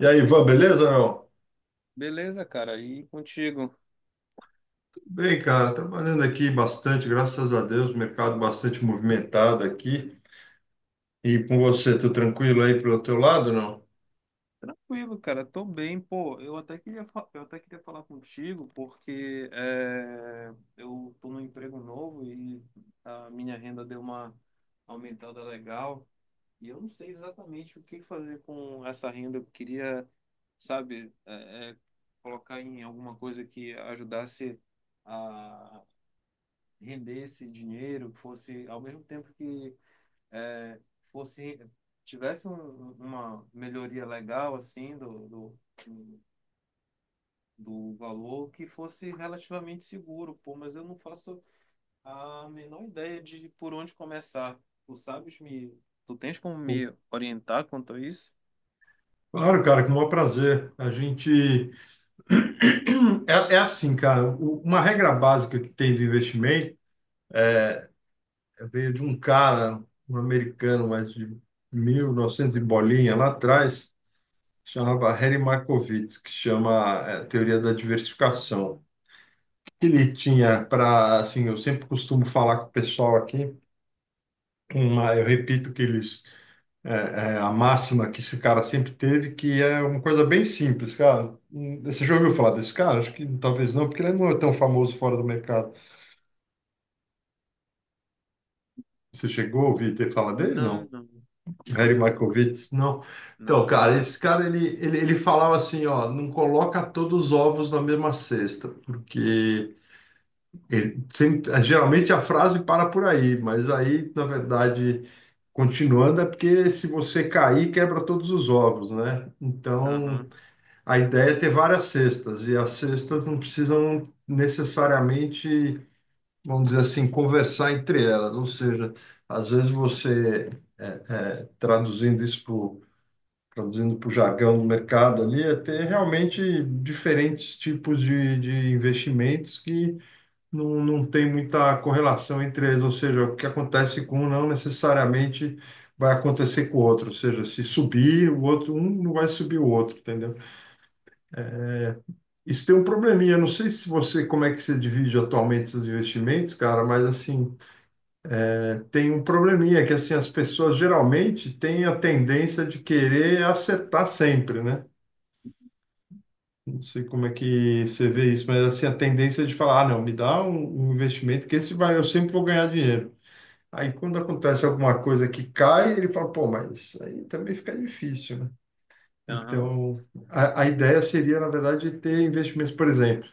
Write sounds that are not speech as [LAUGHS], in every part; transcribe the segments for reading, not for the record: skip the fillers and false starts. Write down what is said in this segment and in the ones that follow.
E aí, Ivan, beleza, não? Beleza, cara, e contigo? Tudo bem, cara. Trabalhando aqui bastante, graças a Deus, mercado bastante movimentado aqui. E com você, tudo tranquilo aí pelo teu lado, não? Tranquilo, cara, tô bem, pô. Eu até queria falar contigo porque eu tô num emprego novo e a minha renda deu uma aumentada legal e eu não sei exatamente o que fazer com essa renda. Eu queria, sabe, colocar em alguma coisa que ajudasse a render esse dinheiro, que fosse ao mesmo tempo que é, fosse tivesse uma melhoria legal assim do do valor que fosse relativamente seguro, pô, mas eu não faço a menor ideia de por onde começar. Tu sabes me, Tu tens como me orientar quanto a isso? Claro, cara, com o maior prazer. A gente. [CLEARS THROAT] É assim, cara, uma regra básica que tem do investimento veio de um cara, um americano, mas de 1900 e novecentos e bolinha lá atrás, chamava Harry Markowitz, que chama, Teoria da Diversificação. Ele tinha para, assim, eu sempre costumo falar com o pessoal aqui, uma, eu repito que eles, a máxima que esse cara sempre teve, que é uma coisa bem simples, cara. Você já ouviu falar desse cara? Acho que talvez não, porque ele não é tão famoso fora do mercado. Você chegou a ouvir ter falar dele? Não, Não. não. Não Harry conheço, não. Markowitz? Não. Não, Então, não cara, conheço. esse cara, ele falava assim, ó, não coloca todos os ovos na mesma cesta, porque ele, geralmente a frase para por aí, mas aí, na verdade, continuando, é porque se você cair, quebra todos os ovos, né? Então, Aham, a ideia é ter várias cestas, e as cestas não precisam necessariamente, vamos dizer assim, conversar entre elas. Ou seja, às vezes você, é, é, traduzindo isso pro, traduzindo para o jargão do mercado ali, é ter realmente diferentes tipos de investimentos que não tem muita correlação entre eles, ou seja, o que acontece com um não necessariamente vai acontecer com o outro, ou seja, se subir, o outro, um não vai subir o outro, entendeu? Isso tem um probleminha, não sei se você, como é que você divide atualmente seus investimentos, cara, mas assim, tem um probleminha que assim, as pessoas geralmente têm a tendência de querer acertar sempre, né? Não sei como é que você vê isso, mas assim, a tendência de falar, ah, não, me dá um investimento que esse vai, eu sempre vou ganhar dinheiro. Aí quando acontece alguma coisa que cai, ele fala, pô, mas aí também fica difícil, né? aham. Então, a ideia seria, na verdade, ter investimentos, por exemplo,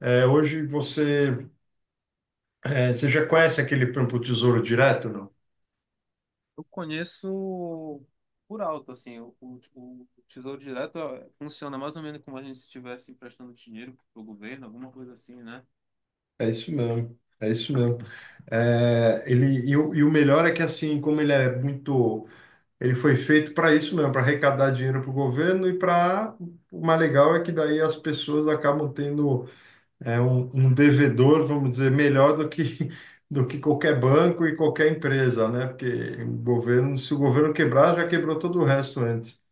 hoje você já conhece aquele, por exemplo, Tesouro Direto, não? Eu conheço por alto, assim, o Tesouro Direto ó, funciona mais ou menos como a gente estivesse emprestando dinheiro para o governo, alguma coisa assim, né? É isso mesmo, é isso mesmo. Ele, e o melhor é que, assim, como ele é muito. Ele foi feito para isso mesmo, para arrecadar dinheiro para o governo e para. O mais legal é que daí as pessoas acabam tendo um devedor, vamos dizer, melhor do que, [LAUGHS] do que qualquer banco e qualquer empresa, né? Porque o governo, se o governo quebrar, já quebrou todo o resto antes. [LAUGHS]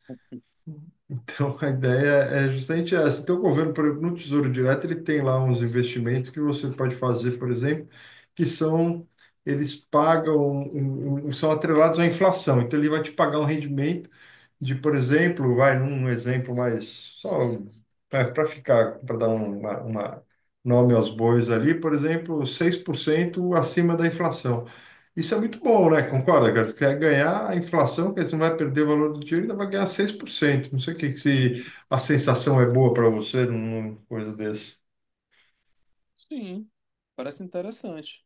Então, a ideia é justamente essa. Então, o governo, por exemplo, no Tesouro Direto, ele tem lá uns investimentos que você pode fazer, por exemplo, que são, eles pagam, são atrelados à inflação. Então, ele vai te pagar um rendimento de, por exemplo, vai num exemplo mais só para ficar, para dar uma nome aos bois ali, por exemplo, 6% acima da inflação. Isso é muito bom, né? Concorda, cara? Você quer ganhar a inflação, quer dizer, você não vai perder o valor do dinheiro, ainda vai ganhar 6%. Não sei o que que se Uhum. a sensação é boa para você numa coisa desse. Sim, parece interessante,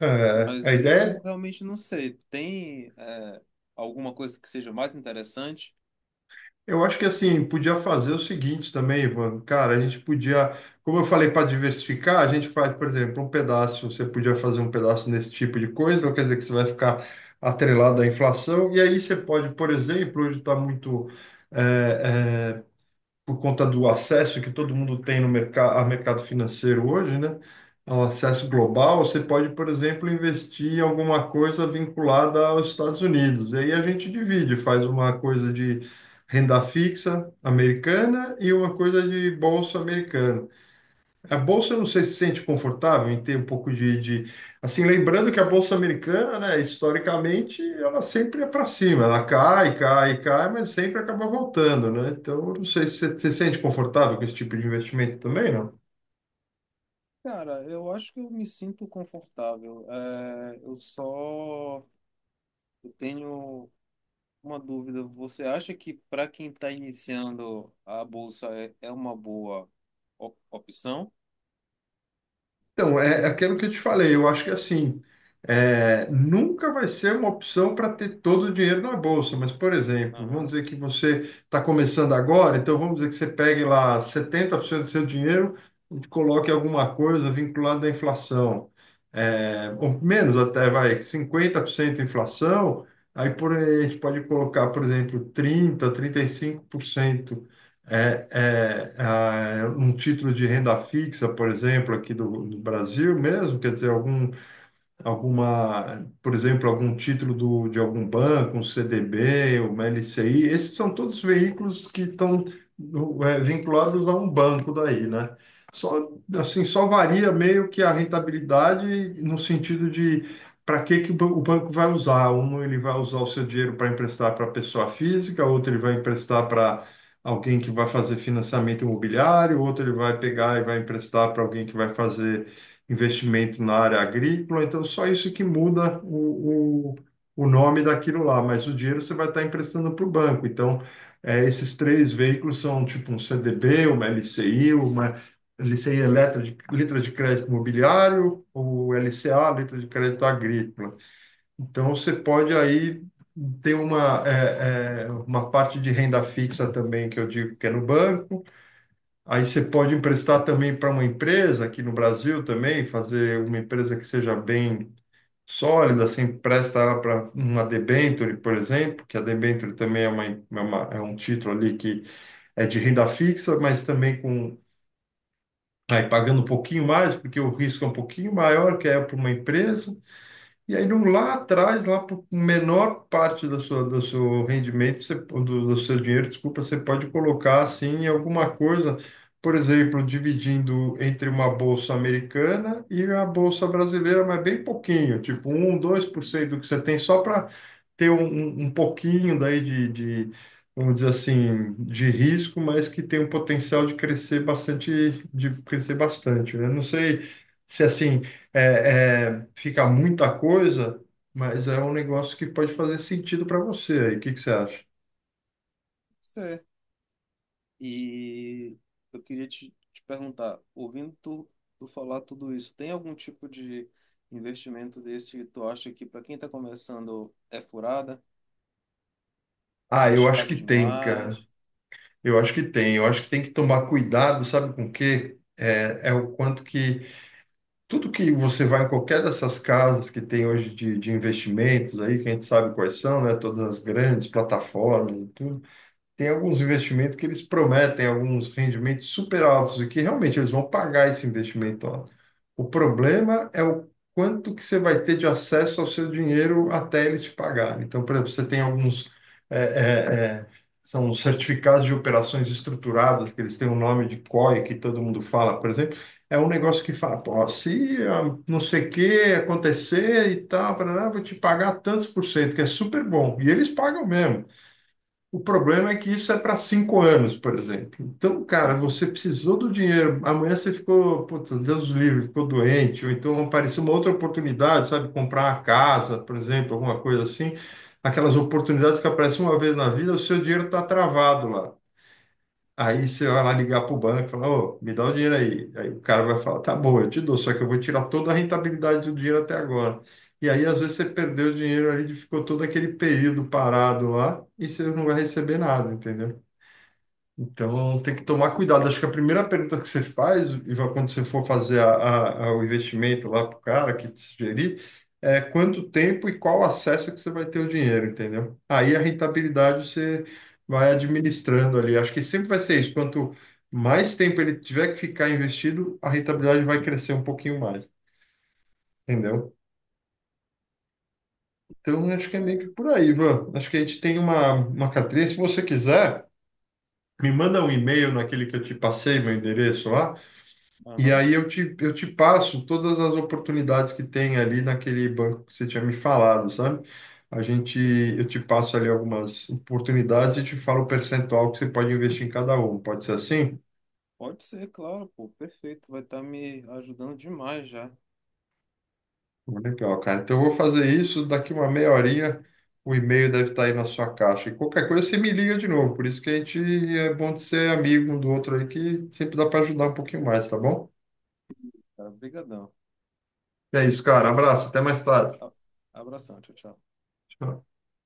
A mas ideia eu é. realmente não sei. Tem, é, alguma coisa que seja mais interessante? Eu acho que assim, podia fazer o seguinte também, Ivan. Cara, a gente podia, como eu falei, para diversificar, a gente faz, por exemplo, um pedaço, você podia fazer um pedaço nesse tipo de coisa, não quer dizer que você vai ficar atrelado à inflação, e aí você pode, por exemplo, hoje está muito. eh, eh, por conta do acesso que todo mundo tem no mercado, ao mercado financeiro hoje, né? Ao acesso global, você pode, por exemplo, investir em alguma coisa vinculada aos Estados Unidos. E aí a gente divide, faz uma coisa de renda fixa americana e uma coisa de bolsa americana. A bolsa não sei se sente confortável em ter um pouco de, assim, lembrando que a bolsa americana, né, historicamente, ela sempre é para cima, ela cai, cai, cai, mas sempre acaba voltando, né? Então, eu não sei se você se sente confortável com esse tipo de investimento também. Cara, eu acho que eu me sinto confortável. É, eu tenho uma dúvida. Você acha que para quem está iniciando a bolsa é uma boa opção? Então, é aquilo que eu te falei, eu acho que assim, nunca vai ser uma opção para ter todo o dinheiro na bolsa, mas, por exemplo, vamos Aham. dizer que você está começando agora, então vamos dizer que você pegue lá 70% do seu dinheiro e coloque alguma coisa vinculada à inflação. Ou menos até, vai, 50% inflação, aí a gente pode colocar, por exemplo, 30%, 35%. Um título de renda fixa, por exemplo, aqui do Brasil mesmo, quer dizer, alguma, por exemplo, algum título de algum banco, um CDB, uma LCI, esses são todos veículos que estão vinculados a um banco daí, né? Só, assim, só varia meio que a rentabilidade no sentido de para que que o banco vai usar. Um, ele vai usar o seu dinheiro para emprestar para pessoa física, outro ele vai emprestar para alguém que vai fazer financiamento imobiliário, outro ele vai pegar e vai emprestar para alguém que vai fazer investimento na área agrícola, então só isso que muda o nome daquilo lá, mas o dinheiro você vai estar emprestando para o banco. Então, esses três veículos são tipo um CDB, uma LCI, uma LCI é letra de crédito imobiliário, ou LCA, letra de crédito agrícola. Então, você pode aí ter uma parte de renda fixa também, que eu digo que é no banco. Aí você pode emprestar também para uma empresa, aqui no Brasil também, fazer uma empresa que seja bem sólida, você empresta ela para uma debênture, por exemplo, que a debênture também é um título ali que é de renda fixa, mas também com aí pagando um pouquinho mais, porque o risco é um pouquinho maior, que é para uma empresa, e aí lá atrás, lá por menor parte da sua, do seu rendimento, do seu dinheiro, desculpa, você pode colocar assim em alguma coisa, por exemplo, dividindo entre uma bolsa americana e a bolsa brasileira, mas bem pouquinho, tipo um 1, 2% do que você tem, só para ter um pouquinho daí de, vamos dizer assim, de risco, mas que tem um potencial de crescer bastante, né? Não sei se assim fica muita coisa, mas é um negócio que pode fazer sentido para você aí. O que que você acha? Certo. E eu queria te perguntar, ouvindo tu falar tudo isso, tem algum tipo de investimento desse que tu acha que para quem está começando é furada, Ah, eu acho arriscado que tem, cara. demais? Eu acho que tem. Eu acho que tem que tomar cuidado, sabe com o quê? É o quanto que tudo que você vai em qualquer dessas casas que tem hoje de investimentos aí, que a gente sabe quais são, né? Todas as grandes plataformas e tudo. Tem alguns investimentos que eles prometem alguns rendimentos super altos e que realmente eles vão pagar esse investimento alto. O problema é o quanto que você vai ter de acesso ao seu dinheiro até eles te pagarem. Então, por exemplo, você tem alguns é, é, é, são os certificados de operações estruturadas, que eles têm o nome de COI, que todo mundo fala, por exemplo, é um negócio que fala, pô, se não sei o que acontecer e tal, parará, vou te pagar tantos por cento, que é super bom. E eles pagam mesmo. O problema é que isso é para 5 anos, por exemplo. Então, cara, Aham. você precisou do dinheiro. Amanhã você ficou, putz, Deus livre, ficou doente, ou então apareceu uma outra oportunidade, sabe? Comprar uma casa, por exemplo, alguma coisa assim. Aquelas oportunidades que aparecem uma vez na vida, o seu dinheiro está travado lá. Aí você vai lá ligar para o banco e falar, ô, me dá o dinheiro aí. Aí o cara vai falar, tá bom, eu te dou, só que eu vou tirar toda a rentabilidade do dinheiro até agora. E aí, às vezes, você perdeu o dinheiro ali, ficou todo aquele período parado lá e você não vai receber nada, entendeu? Então, tem que tomar cuidado. Acho que a primeira pergunta que você faz, e vai quando você for fazer o investimento lá para o cara que te sugerir, é quanto tempo e qual acesso que você vai ter o dinheiro, entendeu? Aí a rentabilidade você vai administrando ali. Acho que sempre vai ser isso. Quanto mais tempo ele tiver que ficar investido, a rentabilidade vai crescer um pouquinho mais, entendeu? Então, acho que é meio que É, por aí, Ivan. Acho que a gente tem uma carteirinha. Se você quiser, me manda um e-mail naquele que eu te passei, meu endereço lá. E aham, aí eu te passo todas as oportunidades que tem ali naquele banco que você tinha me falado, sabe? A gente, eu perfeito. te passo ali algumas oportunidades e te falo o percentual que você pode investir em cada um. Pode ser assim? Pode ser, claro, pô, perfeito. Vai estar me ajudando demais já. Legal, cara. Então eu vou fazer isso, daqui uma meia horinha o e-mail deve estar aí na sua caixa. E qualquer coisa você me liga de novo. Por isso que a gente é bom de ser amigo um do outro aí, que sempre dá para ajudar um pouquinho mais, tá bom? Cara, brigadão. É isso, cara. Abraço, até mais tarde. A- Abração, tchau, tchau. Tchau.